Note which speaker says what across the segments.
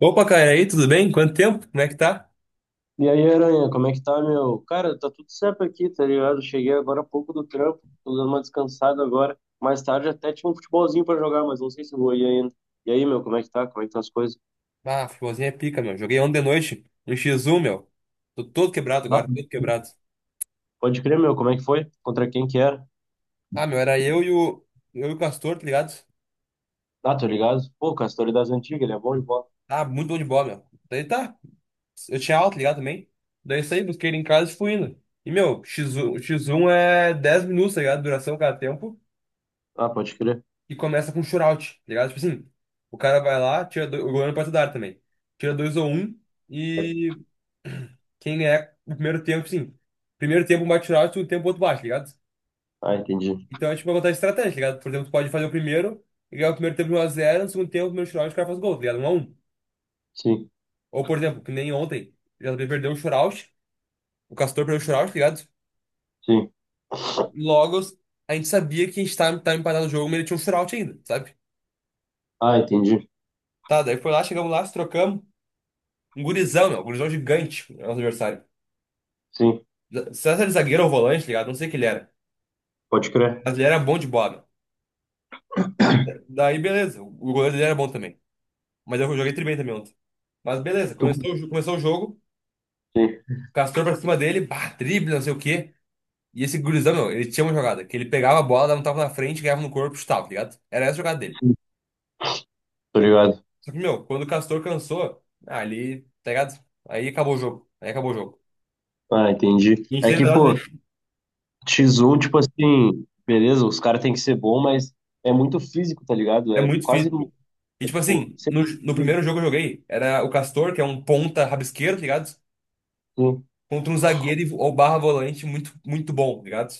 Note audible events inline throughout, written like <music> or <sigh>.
Speaker 1: Opa, cara, e aí, tudo bem? Quanto tempo? Como é que tá?
Speaker 2: E aí, Aranha, como é que tá, meu? Cara, tá tudo certo aqui, tá ligado? Cheguei agora há pouco do trampo, tô dando uma descansada agora. Mais tarde até tinha um futebolzinho pra jogar, mas não sei se eu vou ir ainda. E aí, meu, como é que tá? Como é que estão as coisas?
Speaker 1: Ah, futebolzinho é pica, meu. Joguei ontem de noite no X1, meu. Tô todo quebrado
Speaker 2: Ah,
Speaker 1: agora,
Speaker 2: pode
Speaker 1: todo
Speaker 2: crer,
Speaker 1: quebrado.
Speaker 2: Pode crer, meu, como é que foi? Contra quem que era?
Speaker 1: Ah, meu, era eu e o Castor, tá ligado?
Speaker 2: Ah, tô ligado. Pô, Castor é das antigas, ele é bom de bola.
Speaker 1: Ah, muito bom de bola, meu. Daí tá, eu tinha aula, tá ligado, também. Daí saí, busquei ele em casa e fui indo. E, meu, X1, o X1 é 10 minutos, tá ligado? Duração cada tempo.
Speaker 2: Ah, pode crer.
Speaker 1: E começa com shootout, tá ligado? Tipo assim, o cara vai lá, tira dois, o goleiro pode dar também. Tira dois ou um, quem ganhar o primeiro tempo, sim. Primeiro tempo um bate final, segundo tempo outro bate, tá ligado?
Speaker 2: Ah, entendi.
Speaker 1: Então é tipo uma vantagem estratégica, tá ligado? Por exemplo, tu pode fazer o primeiro e ganhar o primeiro tempo de 1x0, no segundo tempo, no primeiro shootout, o cara faz gol, tá ligado? 1-1.
Speaker 2: Sim,
Speaker 1: Ou, por exemplo, que nem ontem, o JB perdeu o shootout, o Castor perdeu o shootout, tá ligado?
Speaker 2: sim.
Speaker 1: Logo, a gente sabia que a gente tava empatado no jogo, mas ele tinha um shootout ainda, sabe?
Speaker 2: Ah, entendi.
Speaker 1: Tá, daí foi lá, chegamos lá, se trocamos. Um gurizão, meu, um gurizão gigante, nosso adversário.
Speaker 2: Sim,
Speaker 1: Será que era zagueiro ou volante, tá ligado? Não sei o que ele era.
Speaker 2: pode crer.
Speaker 1: Mas ele era bom de bola, meu. Daí, beleza. O goleiro dele era bom também. Mas eu joguei tri bem também ontem. Mas beleza,
Speaker 2: Tu...
Speaker 1: começou o jogo.
Speaker 2: Sim,
Speaker 1: Castor pra cima dele, bah, drible, não sei o quê. E esse gurizão, meu, ele tinha uma jogada, que ele pegava a bola, dava um tapa na frente, ganhava no corpo e chutava, tá ligado? Era essa a jogada dele.
Speaker 2: sim. Tô ligado.
Speaker 1: Só que, meu, quando o Castor cansou, ah, ali, tá ligado? Aí acabou o jogo. Aí acabou o jogo.
Speaker 2: Ah, entendi.
Speaker 1: E a gente
Speaker 2: É
Speaker 1: teve
Speaker 2: que,
Speaker 1: nós, né?
Speaker 2: pô,
Speaker 1: É
Speaker 2: X1, tipo assim, beleza, os caras têm que ser bom, mas é muito físico, tá ligado?
Speaker 1: é
Speaker 2: É
Speaker 1: muito
Speaker 2: quase,
Speaker 1: difícil, pô.
Speaker 2: é,
Speaker 1: E tipo
Speaker 2: tipo,
Speaker 1: assim, no,
Speaker 2: sempre
Speaker 1: no
Speaker 2: físico.
Speaker 1: primeiro jogo que eu joguei, era o Castor, que é um ponta rabisqueiro, tá ligado?
Speaker 2: Sim.
Speaker 1: Contra um zagueiro ou barra volante muito, muito bom, tá ligado?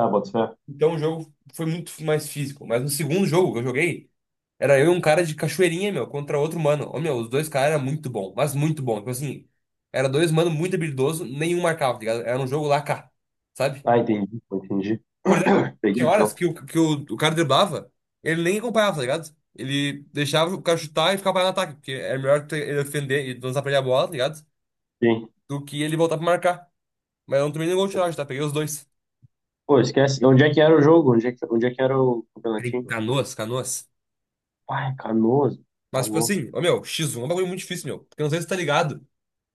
Speaker 2: Ah, bota fé.
Speaker 1: Então o jogo foi muito mais físico. Mas no segundo jogo que eu joguei, era eu e um cara de cachoeirinha, meu, contra outro mano. Ô, meu, os dois caras eram muito bom, mas muito bom. Tipo assim, era dois mano muito habilidoso, nenhum marcava, tá ligado? Era um jogo lá cá, sabe?
Speaker 2: Ah, entendi, pô, entendi.
Speaker 1: Por exemplo,
Speaker 2: Peguei,
Speaker 1: tinha horas
Speaker 2: então.
Speaker 1: que o cara driblava, ele nem acompanhava, tá ligado? Ele deixava o cara chutar e ficava parado no ataque, porque era melhor ele ofender e lançar pra ele a bola, tá ligado?
Speaker 2: Sim.
Speaker 1: Do que ele voltar pra marcar. Mas eu não tomei nenhum gol de tiragem, tá? Peguei os dois.
Speaker 2: Pô, esquece. Onde é que era o jogo? Onde é que era o
Speaker 1: Era em
Speaker 2: campeonatinho?
Speaker 1: Canoas, Canoas.
Speaker 2: Ai, Canoas. Tá
Speaker 1: Mas, tipo
Speaker 2: louco.
Speaker 1: assim, ô, meu, X1 é um bagulho muito difícil, meu. Porque eu não sei se tá ligado.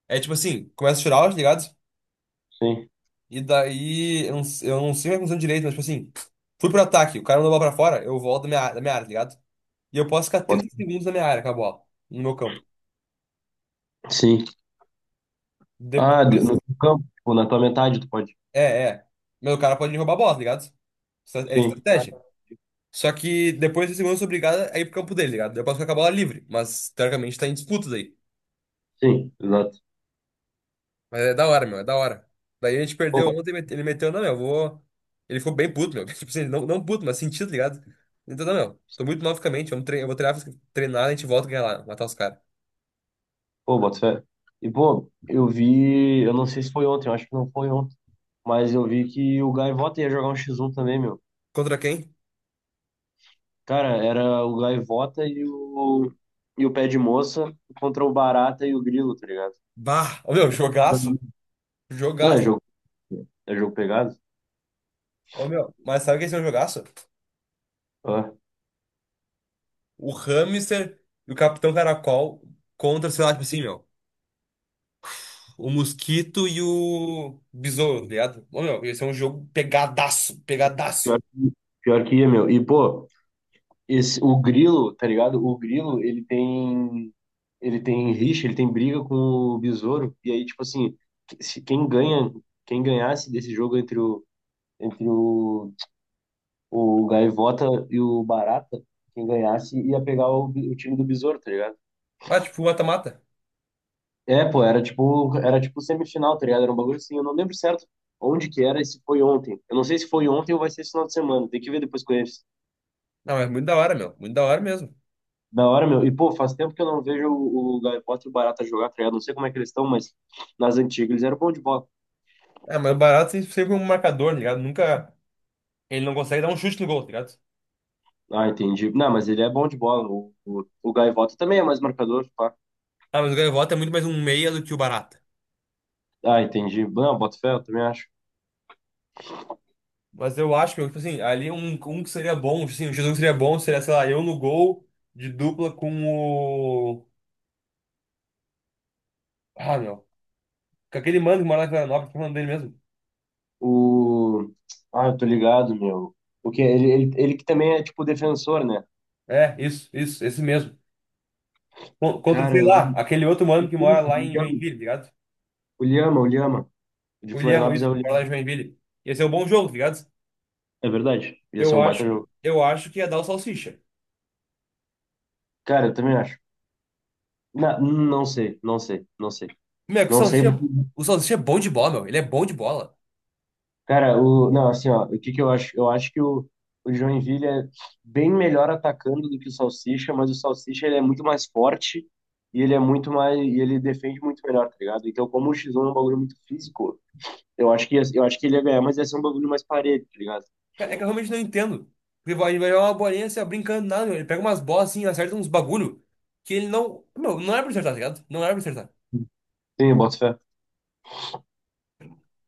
Speaker 1: É tipo assim, começa a tirar, aula, tá ligado?
Speaker 2: Sim.
Speaker 1: E daí, eu não sei o que aconteceu direito, mas tipo assim, fui pro ataque, o cara mandou a bola pra fora, eu volto da minha área, tá ligado? E eu posso ficar
Speaker 2: Bota...
Speaker 1: 30 segundos na minha área com a bola, no meu campo.
Speaker 2: fé. Sim. Ah,
Speaker 1: Depois,
Speaker 2: no campo, tipo, na tua metade, tu pode.
Speaker 1: é, é. Meu, o cara pode me roubar a bola, tá ligado? É
Speaker 2: Sim. Ah,
Speaker 1: estratégia. Só que depois de segundos eu sou obrigado a ir pro campo dele, tá ligado? Eu posso ficar com a bola livre, mas teoricamente tá em disputa daí.
Speaker 2: Sim, exato.
Speaker 1: Mas é da hora, meu, é da hora. Daí a gente perdeu
Speaker 2: Pô,
Speaker 1: ontem, ele meteu, não, meu, eu vou. Ele ficou bem puto, meu. <laughs> Tipo assim, não, não puto, mas sentido, tá ligado? Então, não, meu, tô muito mal fisicamente, vamos treinar, eu vou treinar, a gente volta a ganhar lá, matar os caras.
Speaker 2: Pô, boto fé. E, pô, eu vi, eu não sei se foi ontem, eu acho que não foi ontem, mas eu vi que o Gaivota ia jogar um X1 também, meu.
Speaker 1: Contra quem?
Speaker 2: Cara, era o Gaivota e o Pé de Moça contra o Barata e o Grilo, tá ligado?
Speaker 1: Bah! Ô, meu, jogaço!
Speaker 2: Não,
Speaker 1: Jogaço!
Speaker 2: é jogo pegado.
Speaker 1: Ô, meu, mas sabe quem é um jogaço?
Speaker 2: Ah,
Speaker 1: O Hamster e o Capitão Caracol contra, sei lá, tipo assim, meu, o Mosquito e o Besouro, tá ligado? Ô, meu, esse é um jogo pegadaço,
Speaker 2: pior,
Speaker 1: pegadaço.
Speaker 2: pior que ia, meu. E, pô, esse, o Grilo, tá ligado? O Grilo, ele tem rixa, ele tem briga com o Besouro, e aí, tipo assim, que- se- quem ganha, quem ganhasse desse jogo entre o Gaivota e o Barata, quem ganhasse ia pegar o time do Besouro, tá ligado?
Speaker 1: Ah, tipo, mata-mata.
Speaker 2: É, pô, era tipo semifinal, tá ligado? Era um bagulho assim, eu não lembro certo onde que era e se foi ontem. Eu não sei se foi ontem ou vai ser esse final de semana, tem que ver depois com eles.
Speaker 1: Não, é muito da hora, meu, muito da hora mesmo.
Speaker 2: Da hora, meu. E, pô, faz tempo que eu não vejo o Gaivota e o Barata jogar, tá ligado? Não sei como é que eles estão, mas nas antigas eles eram bom de bola.
Speaker 1: Ah, mas o Baraldo sempre sempre é um marcador, tá ligado? Nunca. Ele não consegue dar um chute no gol, tá ligado?
Speaker 2: Ah, entendi. Não, mas ele é bom de bola. O Gaivota também é mais marcador, pá.
Speaker 1: Ah, mas o Gaivota é muito mais um meia do que o Barata.
Speaker 2: Ah, entendi. Não, boto fé, eu também acho.
Speaker 1: Mas eu acho que, tipo assim, ali um que seria bom, tipo assim, um Jesus que seria bom seria, sei lá, eu no gol de dupla com o. Ah, meu. Com aquele mano que mora lá em Florianópolis, que é o nome dele mesmo.
Speaker 2: O. Ah, eu tô ligado, meu. O que ele que também é tipo defensor, né?
Speaker 1: É, isso, esse mesmo. Contra,
Speaker 2: Cara,
Speaker 1: sei lá, aquele outro mano que mora lá
Speaker 2: o
Speaker 1: em
Speaker 2: Lhama,
Speaker 1: Joinville, tá ligado?
Speaker 2: o Lhama. O De
Speaker 1: O William,
Speaker 2: Florianópolis
Speaker 1: isso,
Speaker 2: é o
Speaker 1: que mora
Speaker 2: Lhama.
Speaker 1: lá em Joinville. Ia ser um bom jogo, tá ligado?
Speaker 2: É verdade. Ia ser
Speaker 1: Eu
Speaker 2: um baita
Speaker 1: acho que,
Speaker 2: jogo.
Speaker 1: eu acho que ia dar o Salsicha.
Speaker 2: Cara, eu também acho. Não sei, não sei, não sei.
Speaker 1: Meu,
Speaker 2: Não sei porque.
Speaker 1: O Salsicha é bom de bola, meu. Ele é bom de bola.
Speaker 2: Cara, o. Não, assim, ó, o que que eu acho? Eu acho que o Joinville é bem melhor atacando do que o Salsicha, mas o Salsicha ele é muito mais forte e ele é muito mais. E ele defende muito melhor, tá ligado? Então, como o X1 é um bagulho muito físico. Eu acho que ele ia ganhar, mas ia ser um bagulho mais parelho, tá ligado?
Speaker 1: Cara, é que eu realmente não entendo. Porque vai jogar uma bolinha assim, ó, brincando, nada, meu. Ele pega umas bolas assim, acerta uns bagulho que ele não. Meu, não era pra acertar, tá ligado? Não era pra acertar.
Speaker 2: Sim, eu boto fé.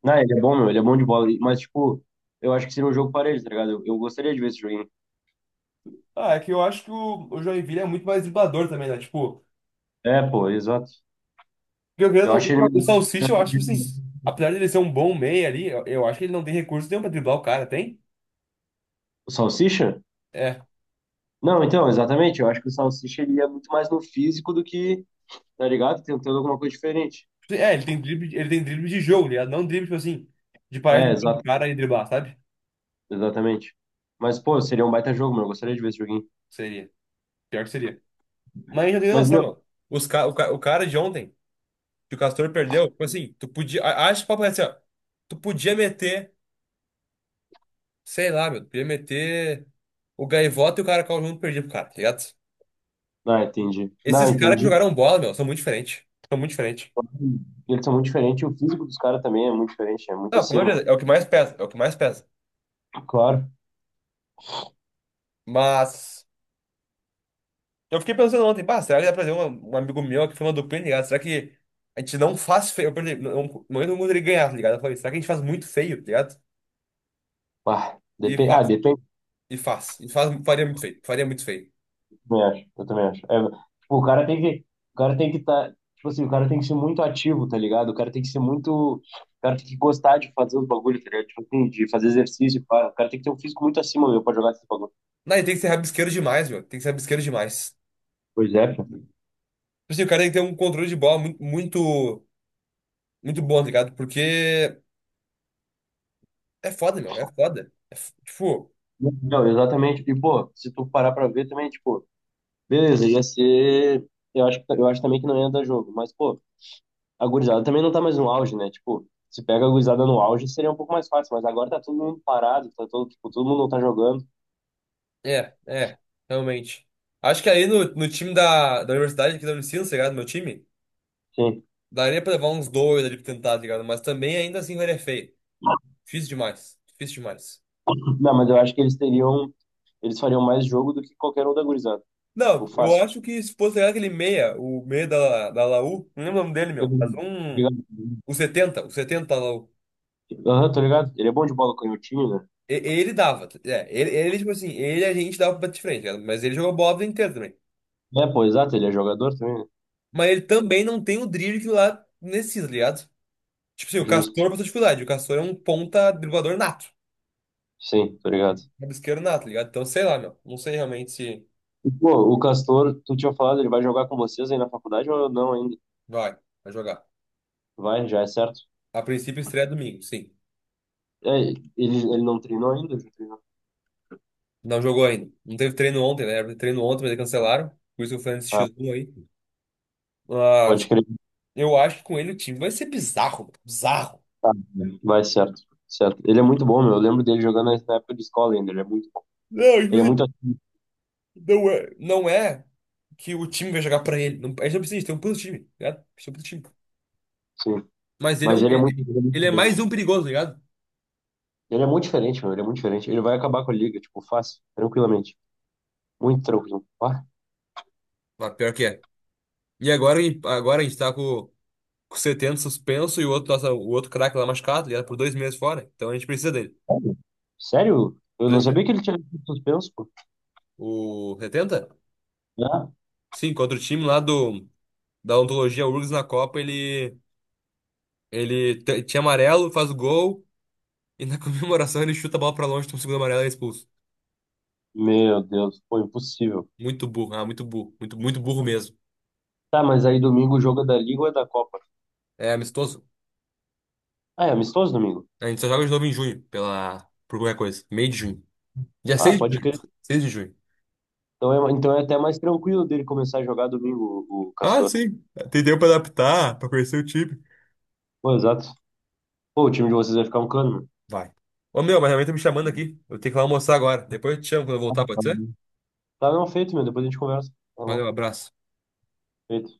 Speaker 2: Não, ele é bom, meu, ele é bom de bola. Mas, tipo, eu acho que seria um jogo parelho, tá ligado? Eu gostaria de ver esse joguinho.
Speaker 1: Ah, é que eu acho que o Joinville é muito mais driblador também, né? Tipo,
Speaker 2: É, pô, exato.
Speaker 1: porque o
Speaker 2: Eu
Speaker 1: Grêmio-
Speaker 2: acho ele.
Speaker 1: o
Speaker 2: Melhor.
Speaker 1: Salsicha, eu acho assim, apesar de ele ser um bom meia ali, eu acho que ele não tem recurso nenhum pra driblar o cara, tem?
Speaker 2: O Salsicha?
Speaker 1: É.
Speaker 2: Não, então, exatamente. Eu acho que o Salsicha ele ia muito mais no físico do que, tá ligado? Tentando alguma coisa diferente.
Speaker 1: É, ele tem drible de jogo, tá ligado? Não drible, tipo assim, de parar no
Speaker 2: É,
Speaker 1: do
Speaker 2: exato,
Speaker 1: cara e driblar, sabe?
Speaker 2: exatamente. Mas, pô, seria um baita jogo, meu. Eu gostaria de ver esse joguinho.
Speaker 1: Seria. Pior que seria. Mas não tem
Speaker 2: Mas,
Speaker 1: noção,
Speaker 2: meu,
Speaker 1: meu. Os ca... o, ca... o cara de ontem, que o Castor perdeu, tipo assim. Acho que o papo é assim, ó. Tu podia meter, sei lá, meu, tu podia meter o Gaivota e o cara que junto perdido pro cara, tá ligado?
Speaker 2: não, entendi. Não,
Speaker 1: Esses caras que
Speaker 2: entendi.
Speaker 1: jogaram bola, meu, são muito diferentes. São muito diferentes.
Speaker 2: Eles são muito diferentes. O físico dos caras também é muito diferente, é muito
Speaker 1: Não, com
Speaker 2: acima.
Speaker 1: certeza, é o que mais pesa, é o que mais pesa.
Speaker 2: Claro.
Speaker 1: Mas eu fiquei pensando ontem, pá, será que dá pra trazer um amigo meu que foi uma dupla, ligado? Será que a gente não faz feio? Eu perdi, não, não, não entra no ele ganhar, tá ligado? Eu falei, será que a gente faz muito feio, tá ligado?
Speaker 2: Ah,
Speaker 1: E
Speaker 2: depende. Ah,
Speaker 1: faz,
Speaker 2: depende.
Speaker 1: faria muito feio, faria muito feio.
Speaker 2: Eu também acho. Eu também acho. É, tipo, o cara tem que. O cara tem que estar. Tipo assim, o cara tem que ser muito ativo, tá ligado? O cara tem que ser muito. O cara tem que gostar de fazer os bagulhos, tá ligado? Tipo assim, de fazer exercício. Pá. O cara tem que ter um físico muito acima, meu, pra jogar esses bagulhos.
Speaker 1: Não, e tem que ser rabisqueiro demais, meu. Tem que ser rabisqueiro demais.
Speaker 2: Pois é, pô.
Speaker 1: Tipo assim, o cara tem que ter um controle de bola muito, muito, muito bom, tá ligado? Porque é foda, meu. É foda. Tipo,
Speaker 2: Não, exatamente. E, pô, se tu parar pra ver também, tipo, beleza, ia ser. Eu acho também que não ia dar jogo, mas, pô. A gurizada também não tá mais no auge, né? Tipo, se pega a gurizada no auge, seria um pouco mais fácil, mas agora tá todo mundo parado, tá todo, tipo, todo mundo não tá jogando.
Speaker 1: é, é, realmente. Acho que aí no time da universidade aqui da Unicinos, tá ligado? Meu time,
Speaker 2: Sim.
Speaker 1: daria pra levar uns dois ali pra tentar, tá ligado? Mas também ainda assim vai é feio. Difícil demais. Difícil demais.
Speaker 2: Não, mas eu acho que eles teriam, eles fariam mais jogo do que qualquer um da gurizada. O
Speaker 1: Não, eu
Speaker 2: fácil.
Speaker 1: acho que se fosse tá ligado, aquele meia, o meia da Laú, não lembro o nome dele,
Speaker 2: Tô
Speaker 1: meu, mas um.
Speaker 2: ligado.
Speaker 1: O 70 o 70 lá.
Speaker 2: Aham, tô ligado. Ele é bom de bola canhotinho, né?
Speaker 1: Ele dava. É, ele, tipo assim, ele a gente dava pra bater de frente, né? Mas ele jogou bola a vida inteira também.
Speaker 2: É, pô, exato, ele é jogador também, né?
Speaker 1: Mas ele também não tem o drible que lá necessita, tá ligado? Tipo assim, o
Speaker 2: Justo.
Speaker 1: Castor passou dificuldade. O Castor é um ponta driblador nato.
Speaker 2: Sim, tô ligado.
Speaker 1: Rabisqueiro nato, tá ligado? Então, sei lá, meu. Não sei realmente se
Speaker 2: E, pô, o Castor, tu tinha falado, ele vai jogar com vocês aí na faculdade ou não ainda?
Speaker 1: vai, vai jogar.
Speaker 2: Vai, já é certo.
Speaker 1: A princípio estreia domingo, sim.
Speaker 2: É, ele não treinou ainda? Já treinou.
Speaker 1: Não jogou ainda. Não teve treino ontem, né? Era pra ter treino ontem, mas eles cancelaram. Por isso que o Fernandes
Speaker 2: Ah,
Speaker 1: x um aí. Mas
Speaker 2: pode crer.
Speaker 1: eu acho que com ele o time vai ser bizarro, mano. Bizarro.
Speaker 2: Tá, vai certo, certo. Ele é muito bom, meu. Eu lembro dele jogando na época de escola ainda. Ele é muito bom.
Speaker 1: Não, tipo
Speaker 2: Ele é
Speaker 1: assim,
Speaker 2: muito ativo,
Speaker 1: não é que o time vai jogar pra ele. Não, a gente não precisa disso, tem um puto time, tá ligado? A gente tem um puto time.
Speaker 2: sim.
Speaker 1: Mas ele é um.
Speaker 2: Mas ele é
Speaker 1: Ele,
Speaker 2: muito, ele é muito
Speaker 1: ele é mais
Speaker 2: diferente.
Speaker 1: um perigoso, tá ligado?
Speaker 2: Ele é muito diferente, meu. Ele é muito diferente. Ele vai acabar com a liga, tipo, fácil, tranquilamente. Muito tranquilo. Ah,
Speaker 1: Mas pior que é. E agora, agora a gente tá com o Seteno suspenso e o outro, nossa, o outro craque lá machucado, tá ligado? Por 2 meses fora. Então a gente precisa dele.
Speaker 2: sério? Sério? Eu não
Speaker 1: Dois
Speaker 2: sabia
Speaker 1: meses.
Speaker 2: que ele tinha sido suspenso, pô.
Speaker 1: O setenta.
Speaker 2: Ah,
Speaker 1: Sim, contra o time lá do, da ontologia URGS na Copa, ele, tinha amarelo, faz o gol e na <laughs> comemoração ele chuta a bola pra longe, toma o segundo amarelo e é expulso.
Speaker 2: meu Deus, pô, impossível.
Speaker 1: Muito burro, ah, muito burro, muito, muito burro mesmo.
Speaker 2: Tá, mas aí domingo o jogo é da Liga ou é da Copa?
Speaker 1: É amistoso.
Speaker 2: Ah, é amistoso domingo?
Speaker 1: A gente só joga de novo em junho, por qualquer coisa. Meio de junho. Dia
Speaker 2: Ah,
Speaker 1: 6 de
Speaker 2: pode
Speaker 1: junho.
Speaker 2: crer.
Speaker 1: 6 de junho.
Speaker 2: Então é até mais tranquilo dele começar a jogar domingo, o
Speaker 1: Ah,
Speaker 2: Castor.
Speaker 1: sim. Tem tempo pra adaptar, pra conhecer o time.
Speaker 2: Pô, exato. Pô, o time de vocês vai ficar um cano,
Speaker 1: Vai. Ô, meu, mas realmente tá me chamando aqui. Eu tenho que ir lá almoçar agora. Depois eu te chamo quando eu voltar, pode ser?
Speaker 2: meu. Tá, não, feito, meu. Depois a gente conversa. Tá bom,
Speaker 1: Valeu, abraço.
Speaker 2: feito.